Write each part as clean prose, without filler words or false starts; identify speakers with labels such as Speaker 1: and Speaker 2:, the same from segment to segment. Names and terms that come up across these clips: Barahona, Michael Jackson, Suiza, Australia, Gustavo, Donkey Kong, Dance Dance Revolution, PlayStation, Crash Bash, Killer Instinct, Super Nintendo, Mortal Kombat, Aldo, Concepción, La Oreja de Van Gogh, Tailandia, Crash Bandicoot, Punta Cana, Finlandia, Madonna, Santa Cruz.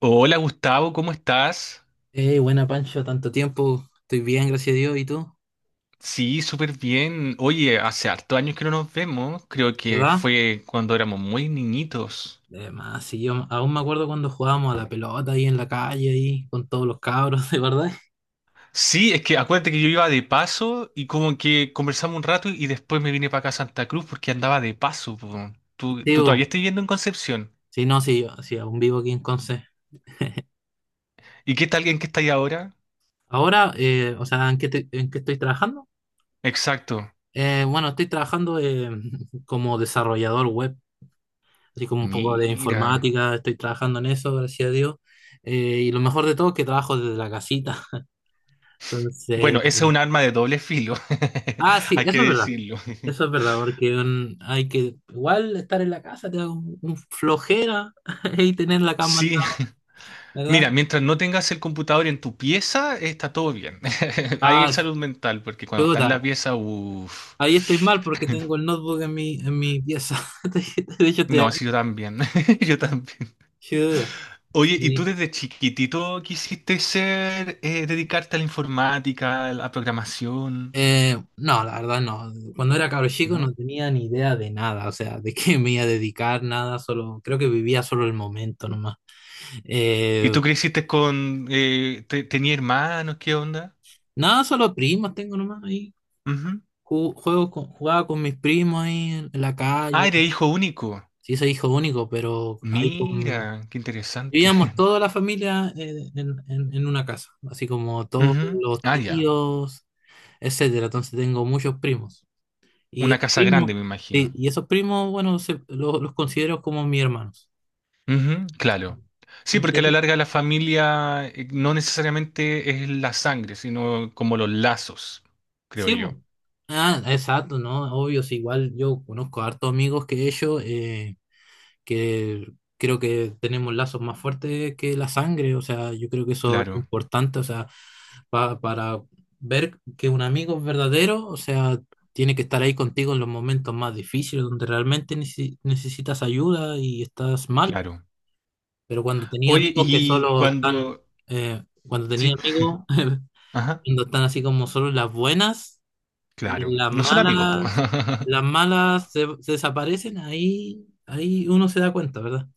Speaker 1: Hola Gustavo, ¿cómo estás?
Speaker 2: Buena, Pancho, tanto tiempo, estoy bien, gracias a Dios, ¿y tú?
Speaker 1: Sí, súper bien. Oye, hace hartos años que no nos vemos. Creo que
Speaker 2: ¿Verdad?
Speaker 1: fue cuando éramos muy niñitos.
Speaker 2: Además, sí, yo aún me acuerdo cuando jugábamos a la pelota ahí en la calle, ahí con todos los cabros, de verdad.
Speaker 1: Sí, es que acuérdate que yo iba de paso y como que conversamos un rato y después me vine para acá a Santa Cruz porque andaba de paso, po. Tú,
Speaker 2: Sí,
Speaker 1: tú todavía
Speaker 2: bo,
Speaker 1: estás viviendo en Concepción.
Speaker 2: sí, no, sí, sí, aún vivo aquí en Conce.
Speaker 1: ¿Y qué tal en qué estáis ahora?
Speaker 2: Ahora, o sea, ¿en qué, en qué estoy trabajando?
Speaker 1: Exacto.
Speaker 2: Bueno, estoy trabajando, como desarrollador web, así como un poco de
Speaker 1: Mira.
Speaker 2: informática, estoy trabajando en eso, gracias a Dios. Y lo mejor de todo es que trabajo desde la casita,
Speaker 1: Bueno,
Speaker 2: entonces.
Speaker 1: ese es un arma de doble filo.
Speaker 2: Ah, sí,
Speaker 1: Hay que
Speaker 2: eso es verdad.
Speaker 1: decirlo.
Speaker 2: Eso es verdad, porque hay que igual estar en la casa, te da un flojera y tener la cama al
Speaker 1: Sí.
Speaker 2: lado, ¿verdad?
Speaker 1: Mira, mientras no tengas el computador en tu pieza, está todo bien. Ahí hay
Speaker 2: Ah, sí,
Speaker 1: salud mental, porque cuando está en la
Speaker 2: chuta.
Speaker 1: pieza, uff.
Speaker 2: Ahí estoy mal porque tengo el notebook en mi pieza. De hecho, estoy
Speaker 1: No,
Speaker 2: aquí.
Speaker 1: sí, yo también. Yo también.
Speaker 2: Chuta,
Speaker 1: Oye, ¿y tú
Speaker 2: sí.
Speaker 1: desde chiquitito quisiste ser, dedicarte a la informática, a la programación,
Speaker 2: No, la verdad no. Cuando era cabro chico no
Speaker 1: ¿no?
Speaker 2: tenía ni idea de nada, o sea, de qué me iba a dedicar, nada, solo, creo que vivía solo el momento nomás.
Speaker 1: ¿Y
Speaker 2: Eh,
Speaker 1: tú creciste con, tenía hermanos, qué onda?
Speaker 2: Nada, solo primos tengo nomás ahí.
Speaker 1: Ujú.
Speaker 2: Jugaba con mis primos ahí en la
Speaker 1: Ah,
Speaker 2: calle.
Speaker 1: eres hijo único.
Speaker 2: Sí, soy hijo único, pero ahí
Speaker 1: Mira, qué interesante.
Speaker 2: vivíamos toda la familia, en, en una casa, así como todos
Speaker 1: Ujú.
Speaker 2: los
Speaker 1: Ah, ya.
Speaker 2: tíos, etcétera. Entonces tengo muchos primos. Y
Speaker 1: Una
Speaker 2: esos
Speaker 1: casa
Speaker 2: primos,
Speaker 1: grande, me
Speaker 2: sí,
Speaker 1: imagino.
Speaker 2: y esos primos, bueno, los considero como mis hermanos.
Speaker 1: Ujú, claro. Sí, porque a la
Speaker 2: Entonces,
Speaker 1: larga la familia no necesariamente es la sangre, sino como los lazos, creo
Speaker 2: sí, po.
Speaker 1: yo.
Speaker 2: Ah, exacto, ¿no? Obvio, sí, igual yo conozco a hartos amigos que he hecho, que creo que tenemos lazos más fuertes que la sangre. O sea, yo creo que eso es
Speaker 1: Claro,
Speaker 2: importante. O sea, para ver que un amigo es verdadero, o sea, tiene que estar ahí contigo en los momentos más difíciles, donde realmente necesitas ayuda y estás mal.
Speaker 1: claro.
Speaker 2: Pero cuando tenía
Speaker 1: Oye,
Speaker 2: amigos que
Speaker 1: y
Speaker 2: solo están,
Speaker 1: cuando.
Speaker 2: cuando tenía
Speaker 1: Sí,
Speaker 2: amigos,
Speaker 1: ajá,
Speaker 2: cuando están así como solo en las buenas y
Speaker 1: claro.
Speaker 2: en
Speaker 1: No son amigos, po.
Speaker 2: las malas se desaparecen. Ahí uno se da cuenta, ¿verdad?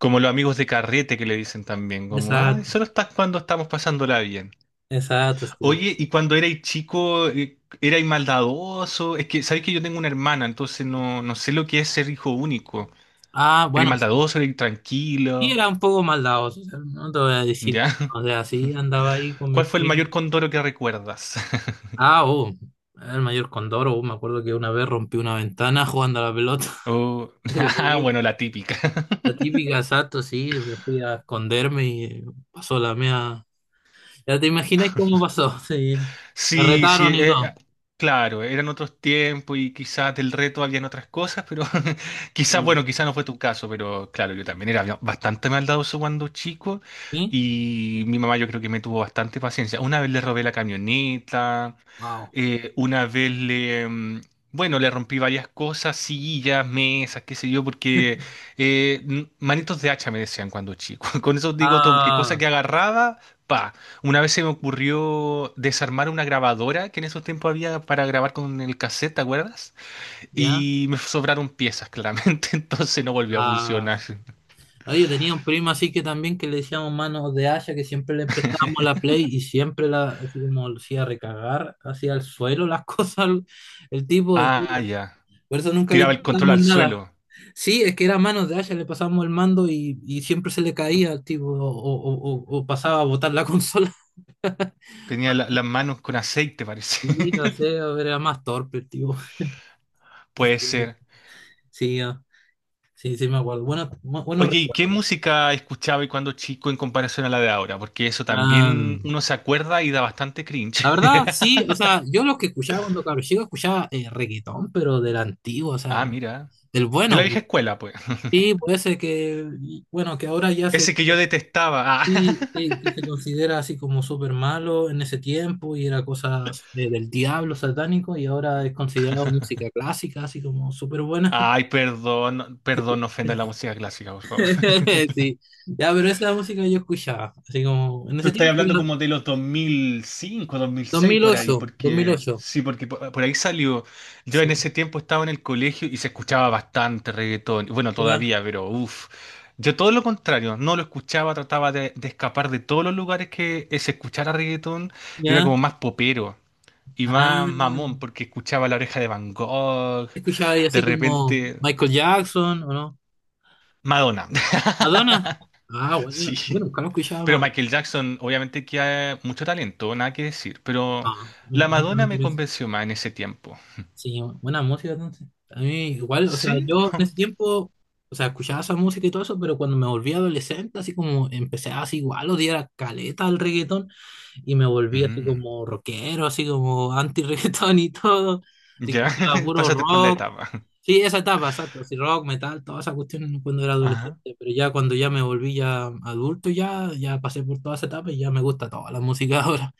Speaker 1: Como los amigos de carrete que le dicen también, como, ay,
Speaker 2: Exacto.
Speaker 1: solo estás cuando estamos pasándola bien.
Speaker 2: Exacto, sí.
Speaker 1: Oye, y cuando erais chico, erais maldadoso. Es que, ¿sabéis que yo tengo una hermana? Entonces no, no sé lo que es ser hijo único.
Speaker 2: Ah,
Speaker 1: ¿Erais
Speaker 2: bueno, sí,
Speaker 1: maldadoso, erais
Speaker 2: sí
Speaker 1: tranquilo?
Speaker 2: era un poco maldadoso, o sea, no te voy a decir,
Speaker 1: ¿Ya?
Speaker 2: o sea, sí andaba ahí con mis
Speaker 1: ¿Cuál fue el
Speaker 2: primos.
Speaker 1: mayor condoro que recuerdas?
Speaker 2: Ah, oh, el mayor Condoro. Oh, me acuerdo que una vez rompí una ventana jugando a la pelota.
Speaker 1: Oh,
Speaker 2: Le
Speaker 1: ah,
Speaker 2: pegué
Speaker 1: bueno, la típica.
Speaker 2: la típica, exacto, sí. Me fui a esconderme y pasó la mía. Ya te imagináis cómo pasó, sí. Me
Speaker 1: Sí, sí,
Speaker 2: retaron y todo.
Speaker 1: claro, eran otros tiempos y quizás del reto habían otras cosas, pero quizás,
Speaker 2: Sí.
Speaker 1: bueno, quizás no fue tu caso, pero claro, yo también era bastante maldadoso cuando chico
Speaker 2: ¿Sí?
Speaker 1: y mi mamá yo creo que me tuvo bastante paciencia. Una vez le robé la camioneta.
Speaker 2: Wow.
Speaker 1: Una vez bueno, le rompí varias cosas, sillas, mesas, qué sé yo, porque manitos de hacha me decían cuando chico. Con eso digo todo, porque cosa
Speaker 2: Ah,
Speaker 1: que agarraba, pa. Una vez se me ocurrió desarmar una grabadora que en esos tiempos había para grabar con el cassette, ¿te acuerdas?
Speaker 2: ya.
Speaker 1: Y me sobraron piezas, claramente, entonces no volvió a
Speaker 2: Ah.
Speaker 1: funcionar.
Speaker 2: No, yo tenía un primo así que también que le decíamos manos de haya, que siempre le empezábamos la play y siempre la, así como lo hacía recagar, hacía al suelo las cosas, el tipo, así,
Speaker 1: Ah, ya.
Speaker 2: por eso nunca le
Speaker 1: Tiraba el control
Speaker 2: empezábamos
Speaker 1: al
Speaker 2: nada.
Speaker 1: suelo.
Speaker 2: Sí, es que era manos de haya. Le pasábamos el mando y siempre se le caía al tipo, o, o pasaba a botar la consola.
Speaker 1: Tenía las manos con aceite, parece.
Speaker 2: Sí, no sé, era más torpe el tipo.
Speaker 1: Puede
Speaker 2: Sí,
Speaker 1: ser.
Speaker 2: sí, ah, sí, sí me acuerdo. Bueno, buenos
Speaker 1: Oye, ¿y qué
Speaker 2: recuerdos.
Speaker 1: música escuchaba y cuando chico en comparación a la de ahora? Porque eso
Speaker 2: Ah.
Speaker 1: también uno se acuerda y da bastante cringe.
Speaker 2: La verdad, sí, o sea, yo lo que escuchaba cuando cabro chico escuchaba, reggaetón, pero del antiguo, o
Speaker 1: Ah,
Speaker 2: sea,
Speaker 1: mira.
Speaker 2: del
Speaker 1: De
Speaker 2: bueno.
Speaker 1: la vieja escuela, pues.
Speaker 2: Y puede ser que, bueno, que ahora ya se,
Speaker 1: Ese que yo detestaba. Ah.
Speaker 2: sí, sí, que se considera así como súper malo en ese tiempo y era cosas del diablo satánico, y ahora es considerado música clásica, así como súper buena.
Speaker 1: Ay, perdón, perdón, no ofenda la música clásica, por favor.
Speaker 2: Sí, ya, pero esa música yo escuchaba, así como en
Speaker 1: Tú
Speaker 2: ese
Speaker 1: estás
Speaker 2: tiempo,
Speaker 1: hablando como de los dos mil cinco, 2006 por ahí,
Speaker 2: 2008,
Speaker 1: porque
Speaker 2: 2008.
Speaker 1: sí, porque por ahí salió. Yo en
Speaker 2: Sí,
Speaker 1: ese tiempo estaba en el colegio y se escuchaba bastante reggaetón. Bueno,
Speaker 2: ¿verdad?
Speaker 1: todavía, pero uff. Yo todo lo contrario, no lo escuchaba, trataba de escapar de todos los lugares que se escuchara reggaetón. Yo era como
Speaker 2: ¿Ya?
Speaker 1: más popero y
Speaker 2: Ah.
Speaker 1: más mamón, porque escuchaba La Oreja de Van Gogh,
Speaker 2: Escuchaba ahí
Speaker 1: de
Speaker 2: así como
Speaker 1: repente
Speaker 2: Michael Jackson, ¿o no?
Speaker 1: Madonna.
Speaker 2: ¿Madonna? Ah, bueno, bueno,
Speaker 1: Sí.
Speaker 2: nunca lo escuchaba
Speaker 1: Pero
Speaker 2: Madonna.
Speaker 1: Michael Jackson, obviamente que hay mucho talento, nada que decir, pero
Speaker 2: Ah, me
Speaker 1: la
Speaker 2: encanta
Speaker 1: Madonna
Speaker 2: Michael
Speaker 1: me
Speaker 2: Jackson.
Speaker 1: convenció más en ese tiempo.
Speaker 2: Sí, buena música entonces. A mí igual, o sea,
Speaker 1: ¿Sí?
Speaker 2: yo en ese tiempo, o sea, escuchaba esa música y todo eso, pero cuando me volví adolescente, así como empecé así igual, odiar caleta al reggaetón, y me volví así
Speaker 1: Mm,
Speaker 2: como rockero, así como anti-reggaetón y todo. Así que
Speaker 1: ya,
Speaker 2: escuchaba puro
Speaker 1: pásate por la
Speaker 2: rock.
Speaker 1: etapa.
Speaker 2: Sí, esa etapa, exacto. Si rock, metal, todas esas cuestiones no cuando era
Speaker 1: Ajá.
Speaker 2: adolescente, pero ya cuando ya me volví ya adulto, ya pasé por toda esa etapa y ya me gusta toda la música ahora,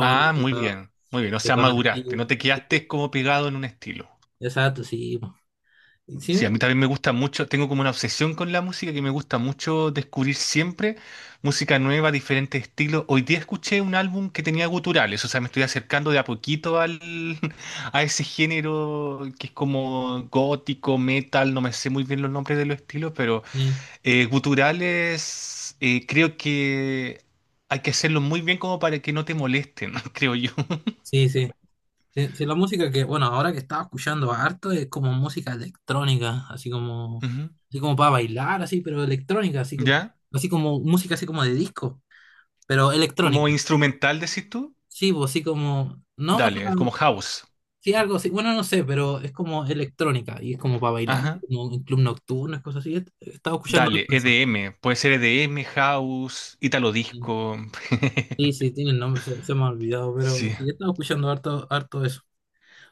Speaker 1: Ah, muy bien, muy bien. O
Speaker 2: que
Speaker 1: sea,
Speaker 2: tan antigua.
Speaker 1: maduraste, no te quedaste como pegado en un estilo.
Speaker 2: Exacto, sí, po. Y sí,
Speaker 1: Sí, a mí también me gusta mucho, tengo como una obsesión con la música que me gusta mucho descubrir siempre música nueva, diferentes estilos. Hoy día escuché un álbum que tenía guturales, o sea, me estoy acercando de a poquito a ese género que es como gótico, metal, no me sé muy bien los nombres de los estilos, pero guturales creo que hay que hacerlo muy bien como para que no te molesten, creo yo.
Speaker 2: sí, sí. Sí, sí, la música que, bueno, ahora que estaba escuchando harto es como música electrónica,
Speaker 1: Ujú.
Speaker 2: así como para bailar, así, pero electrónica,
Speaker 1: ¿Ya?
Speaker 2: así como música así como de disco, pero
Speaker 1: Como
Speaker 2: electrónica.
Speaker 1: instrumental, decís tú,
Speaker 2: Sí, pues así como, no, o
Speaker 1: dale, es como
Speaker 2: sea,
Speaker 1: house.
Speaker 2: sí, algo así. Bueno, no sé, pero es como electrónica y es como para bailar,
Speaker 1: Ajá.
Speaker 2: como en club nocturno, es cosas así. Estaba escuchando harto
Speaker 1: Dale,
Speaker 2: eso.
Speaker 1: EDM, puede ser EDM, House, Italo Disco.
Speaker 2: Sí, sí, tiene el nombre, se me ha olvidado, pero
Speaker 1: Sí,
Speaker 2: sí, estaba escuchando harto, harto eso.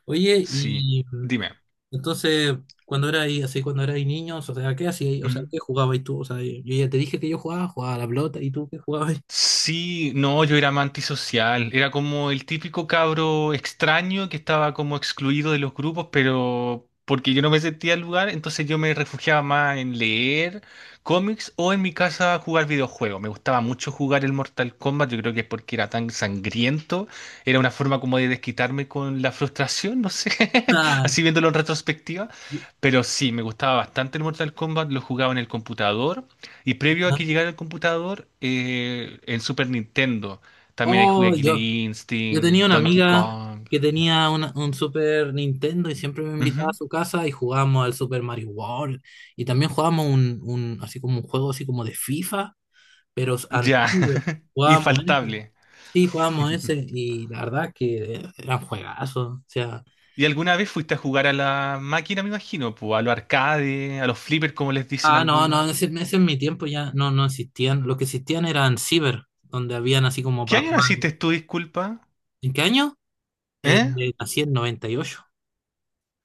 Speaker 2: Oye,
Speaker 1: sí.
Speaker 2: y
Speaker 1: Dime.
Speaker 2: entonces, cuando era ahí, así, cuando era ahí niños, o sea, ¿qué hacías? O sea, ¿qué jugabas tú? O sea, yo ya te dije que yo jugaba, jugaba a la pelota, ¿y tú qué jugabas?
Speaker 1: Sí, no, yo era más antisocial. Era como el típico cabro extraño que estaba como excluido de los grupos, pero porque yo no me sentía al lugar, entonces yo me refugiaba más en leer cómics o en mi casa jugar videojuegos. Me gustaba mucho jugar el Mortal Kombat, yo creo que es porque era tan sangriento. Era una forma como de desquitarme con la frustración, no sé,
Speaker 2: Ah,
Speaker 1: así viéndolo en retrospectiva. Pero sí, me gustaba bastante el Mortal Kombat, lo jugaba en el computador. Y previo a que
Speaker 2: ah.
Speaker 1: llegara el computador, en Super Nintendo también hay jugué
Speaker 2: Oh,
Speaker 1: Killer
Speaker 2: yo tenía
Speaker 1: Instinct,
Speaker 2: una
Speaker 1: Donkey
Speaker 2: amiga
Speaker 1: Kong.
Speaker 2: que tenía un Super Nintendo y siempre me invitaba a
Speaker 1: Ujú.
Speaker 2: su casa y jugábamos al Super Mario World, y también jugábamos así como un juego así como de FIFA, pero
Speaker 1: Ya,
Speaker 2: antiguo, jugábamos ese.
Speaker 1: infaltable.
Speaker 2: Sí, jugábamos ese y la verdad que eran juegazos, o sea,
Speaker 1: ¿Y alguna vez fuiste a jugar a la máquina, me imagino? Pues, a los arcades, a los flippers, como les dicen
Speaker 2: ah, no,
Speaker 1: algunos.
Speaker 2: no, ese en mi tiempo ya no existían. Lo que existían eran Ciber, donde habían así como
Speaker 1: ¿Qué
Speaker 2: para
Speaker 1: año
Speaker 2: jugar.
Speaker 1: naciste tú, disculpa?
Speaker 2: ¿En qué año? Eh,
Speaker 1: ¿Eh?
Speaker 2: Nací en 98.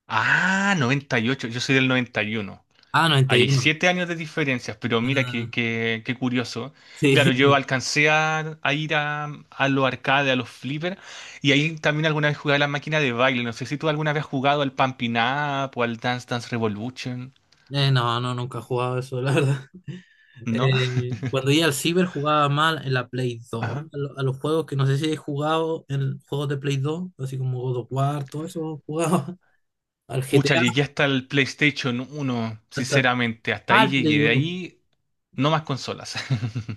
Speaker 1: Ah, 98, yo soy del 91.
Speaker 2: Ah,
Speaker 1: Hay
Speaker 2: 91.
Speaker 1: 7 años de diferencias, pero mira
Speaker 2: Ah,
Speaker 1: qué curioso. Claro, yo
Speaker 2: sí.
Speaker 1: alcancé a ir a los arcades, a los flippers, y ahí también alguna vez jugué a la máquina de baile. No sé si tú alguna vez has jugado al Pumping Up o al Dance Dance Revolution,
Speaker 2: No, no, nunca he jugado eso, la verdad.
Speaker 1: ¿no?
Speaker 2: Cuando iba al ciber jugaba mal en la Play 2,
Speaker 1: Ajá.
Speaker 2: a los juegos que no sé si he jugado en juegos de Play 2, así como God of War, todo eso jugaba. Al
Speaker 1: Pucha, llegué
Speaker 2: GTA,
Speaker 1: hasta el PlayStation uno,
Speaker 2: hasta,
Speaker 1: sinceramente, hasta
Speaker 2: ah,
Speaker 1: ahí
Speaker 2: al
Speaker 1: llegué.
Speaker 2: Play
Speaker 1: De
Speaker 2: uno.
Speaker 1: ahí, no más consolas.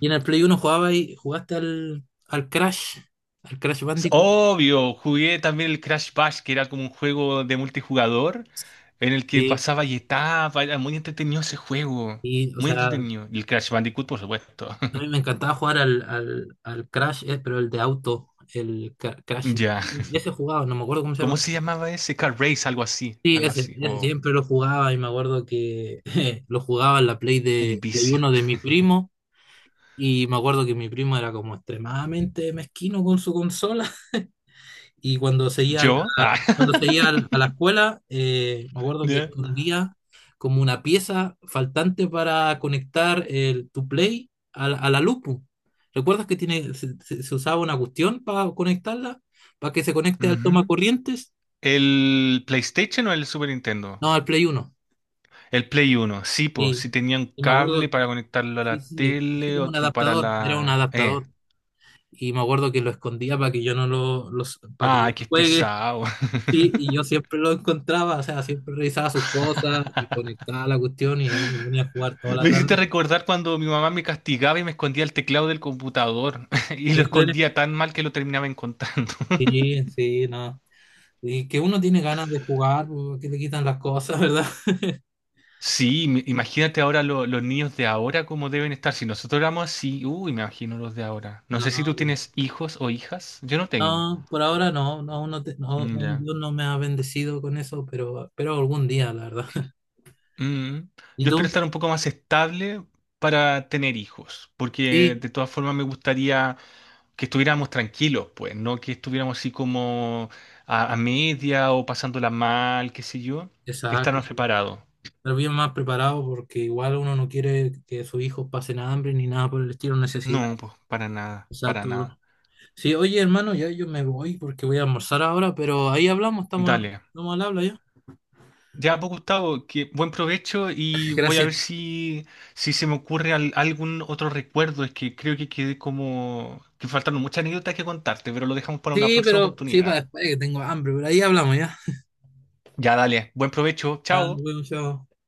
Speaker 2: Y en el Play uno jugaba y jugaste al Crash, al Crash
Speaker 1: Es
Speaker 2: Bandicoot.
Speaker 1: obvio, jugué también el Crash Bash, que era como un juego de multijugador en el que
Speaker 2: Sí,
Speaker 1: pasaba y etapa. Era muy entretenido ese juego.
Speaker 2: y o
Speaker 1: Muy
Speaker 2: sea, a
Speaker 1: entretenido. Y el Crash Bandicoot, por supuesto.
Speaker 2: mí me encantaba jugar al Crash, pero el de auto, el Crash.
Speaker 1: Ya.
Speaker 2: Ese jugaba, no me acuerdo cómo se
Speaker 1: ¿Cómo
Speaker 2: llama.
Speaker 1: se llamaba ese? Car Race, algo así.
Speaker 2: Sí,
Speaker 1: Algo
Speaker 2: ese,
Speaker 1: así.
Speaker 2: ese
Speaker 1: O
Speaker 2: siempre lo jugaba y me acuerdo que lo jugaba en la Play
Speaker 1: un
Speaker 2: de Play
Speaker 1: vicio.
Speaker 2: uno de mi primo, y me acuerdo que mi primo era como extremadamente mezquino con su consola y
Speaker 1: ¿Yo? Ah.
Speaker 2: cuando seguía a la escuela, me acuerdo que
Speaker 1: Ya.
Speaker 2: escondía como una pieza faltante para conectar tu Play a la luz, pu. ¿Recuerdas que tiene, se usaba una cuestión para conectarla? Para que se conecte al toma
Speaker 1: Ujú.
Speaker 2: corrientes.
Speaker 1: ¿El PlayStation o el Super Nintendo?
Speaker 2: No, al Play uno.
Speaker 1: El Play Uno. Sí, pues,
Speaker 2: Sí.
Speaker 1: sí tenía un
Speaker 2: Y me
Speaker 1: cable
Speaker 2: acuerdo,
Speaker 1: para conectarlo a
Speaker 2: sí,
Speaker 1: la
Speaker 2: sí, sí, fue
Speaker 1: tele,
Speaker 2: como un
Speaker 1: otro para
Speaker 2: adaptador, era un
Speaker 1: la.
Speaker 2: adaptador. Y me acuerdo que lo escondía para que yo no para que no
Speaker 1: Ah, qué
Speaker 2: juegue.
Speaker 1: pesado.
Speaker 2: Sí, y yo siempre lo encontraba, o sea, siempre revisaba sus cosas y conectaba la cuestión, y ahí me ponía a jugar toda la
Speaker 1: Me hiciste
Speaker 2: tarde.
Speaker 1: recordar cuando mi mamá me castigaba y me escondía el teclado del computador y lo
Speaker 2: ¿En serio?
Speaker 1: escondía tan mal que lo terminaba encontrando.
Speaker 2: Sí, sí, no. Y que uno tiene ganas de jugar porque le quitan las cosas, ¿verdad?
Speaker 1: Sí, imagínate ahora los niños de ahora cómo deben estar. Si nosotros éramos así, uy, me imagino los de ahora. No sé si tú
Speaker 2: No,
Speaker 1: tienes hijos o hijas. Yo no tengo.
Speaker 2: no, por ahora no, no, uno no,
Speaker 1: Mm,
Speaker 2: un
Speaker 1: ya.
Speaker 2: Dios no me ha bendecido con eso, pero, algún día, la verdad.
Speaker 1: Mm.
Speaker 2: ¿Y
Speaker 1: Yo espero estar
Speaker 2: tú?
Speaker 1: un poco más estable para tener hijos, porque
Speaker 2: Sí,
Speaker 1: de todas formas me gustaría que estuviéramos tranquilos, pues, no que estuviéramos así como a media o pasándola mal, qué sé yo, estar
Speaker 2: exacto,
Speaker 1: más
Speaker 2: sí.
Speaker 1: preparados.
Speaker 2: Pero bien más preparado porque igual uno no quiere que sus hijos pasen hambre ni nada por el estilo, necesidad.
Speaker 1: No, pues, para nada, para
Speaker 2: Exacto, bro.
Speaker 1: nada.
Speaker 2: Sí, oye, hermano, ya yo me voy porque voy a almorzar ahora, pero ahí hablamos,
Speaker 1: Dale.
Speaker 2: estamos al habla ya.
Speaker 1: Ya, pues, Gustavo, que buen provecho y voy a ver
Speaker 2: Gracias.
Speaker 1: si se me ocurre algún otro recuerdo. Es que creo que quedé como que faltaron muchas anécdotas que contarte, pero lo dejamos para una
Speaker 2: Sí,
Speaker 1: próxima
Speaker 2: pero sí,
Speaker 1: oportunidad.
Speaker 2: para después que tengo hambre, pero ahí hablamos ya.
Speaker 1: Ya, dale. Buen provecho.
Speaker 2: Ya,
Speaker 1: Chao.
Speaker 2: nos vemos, chao.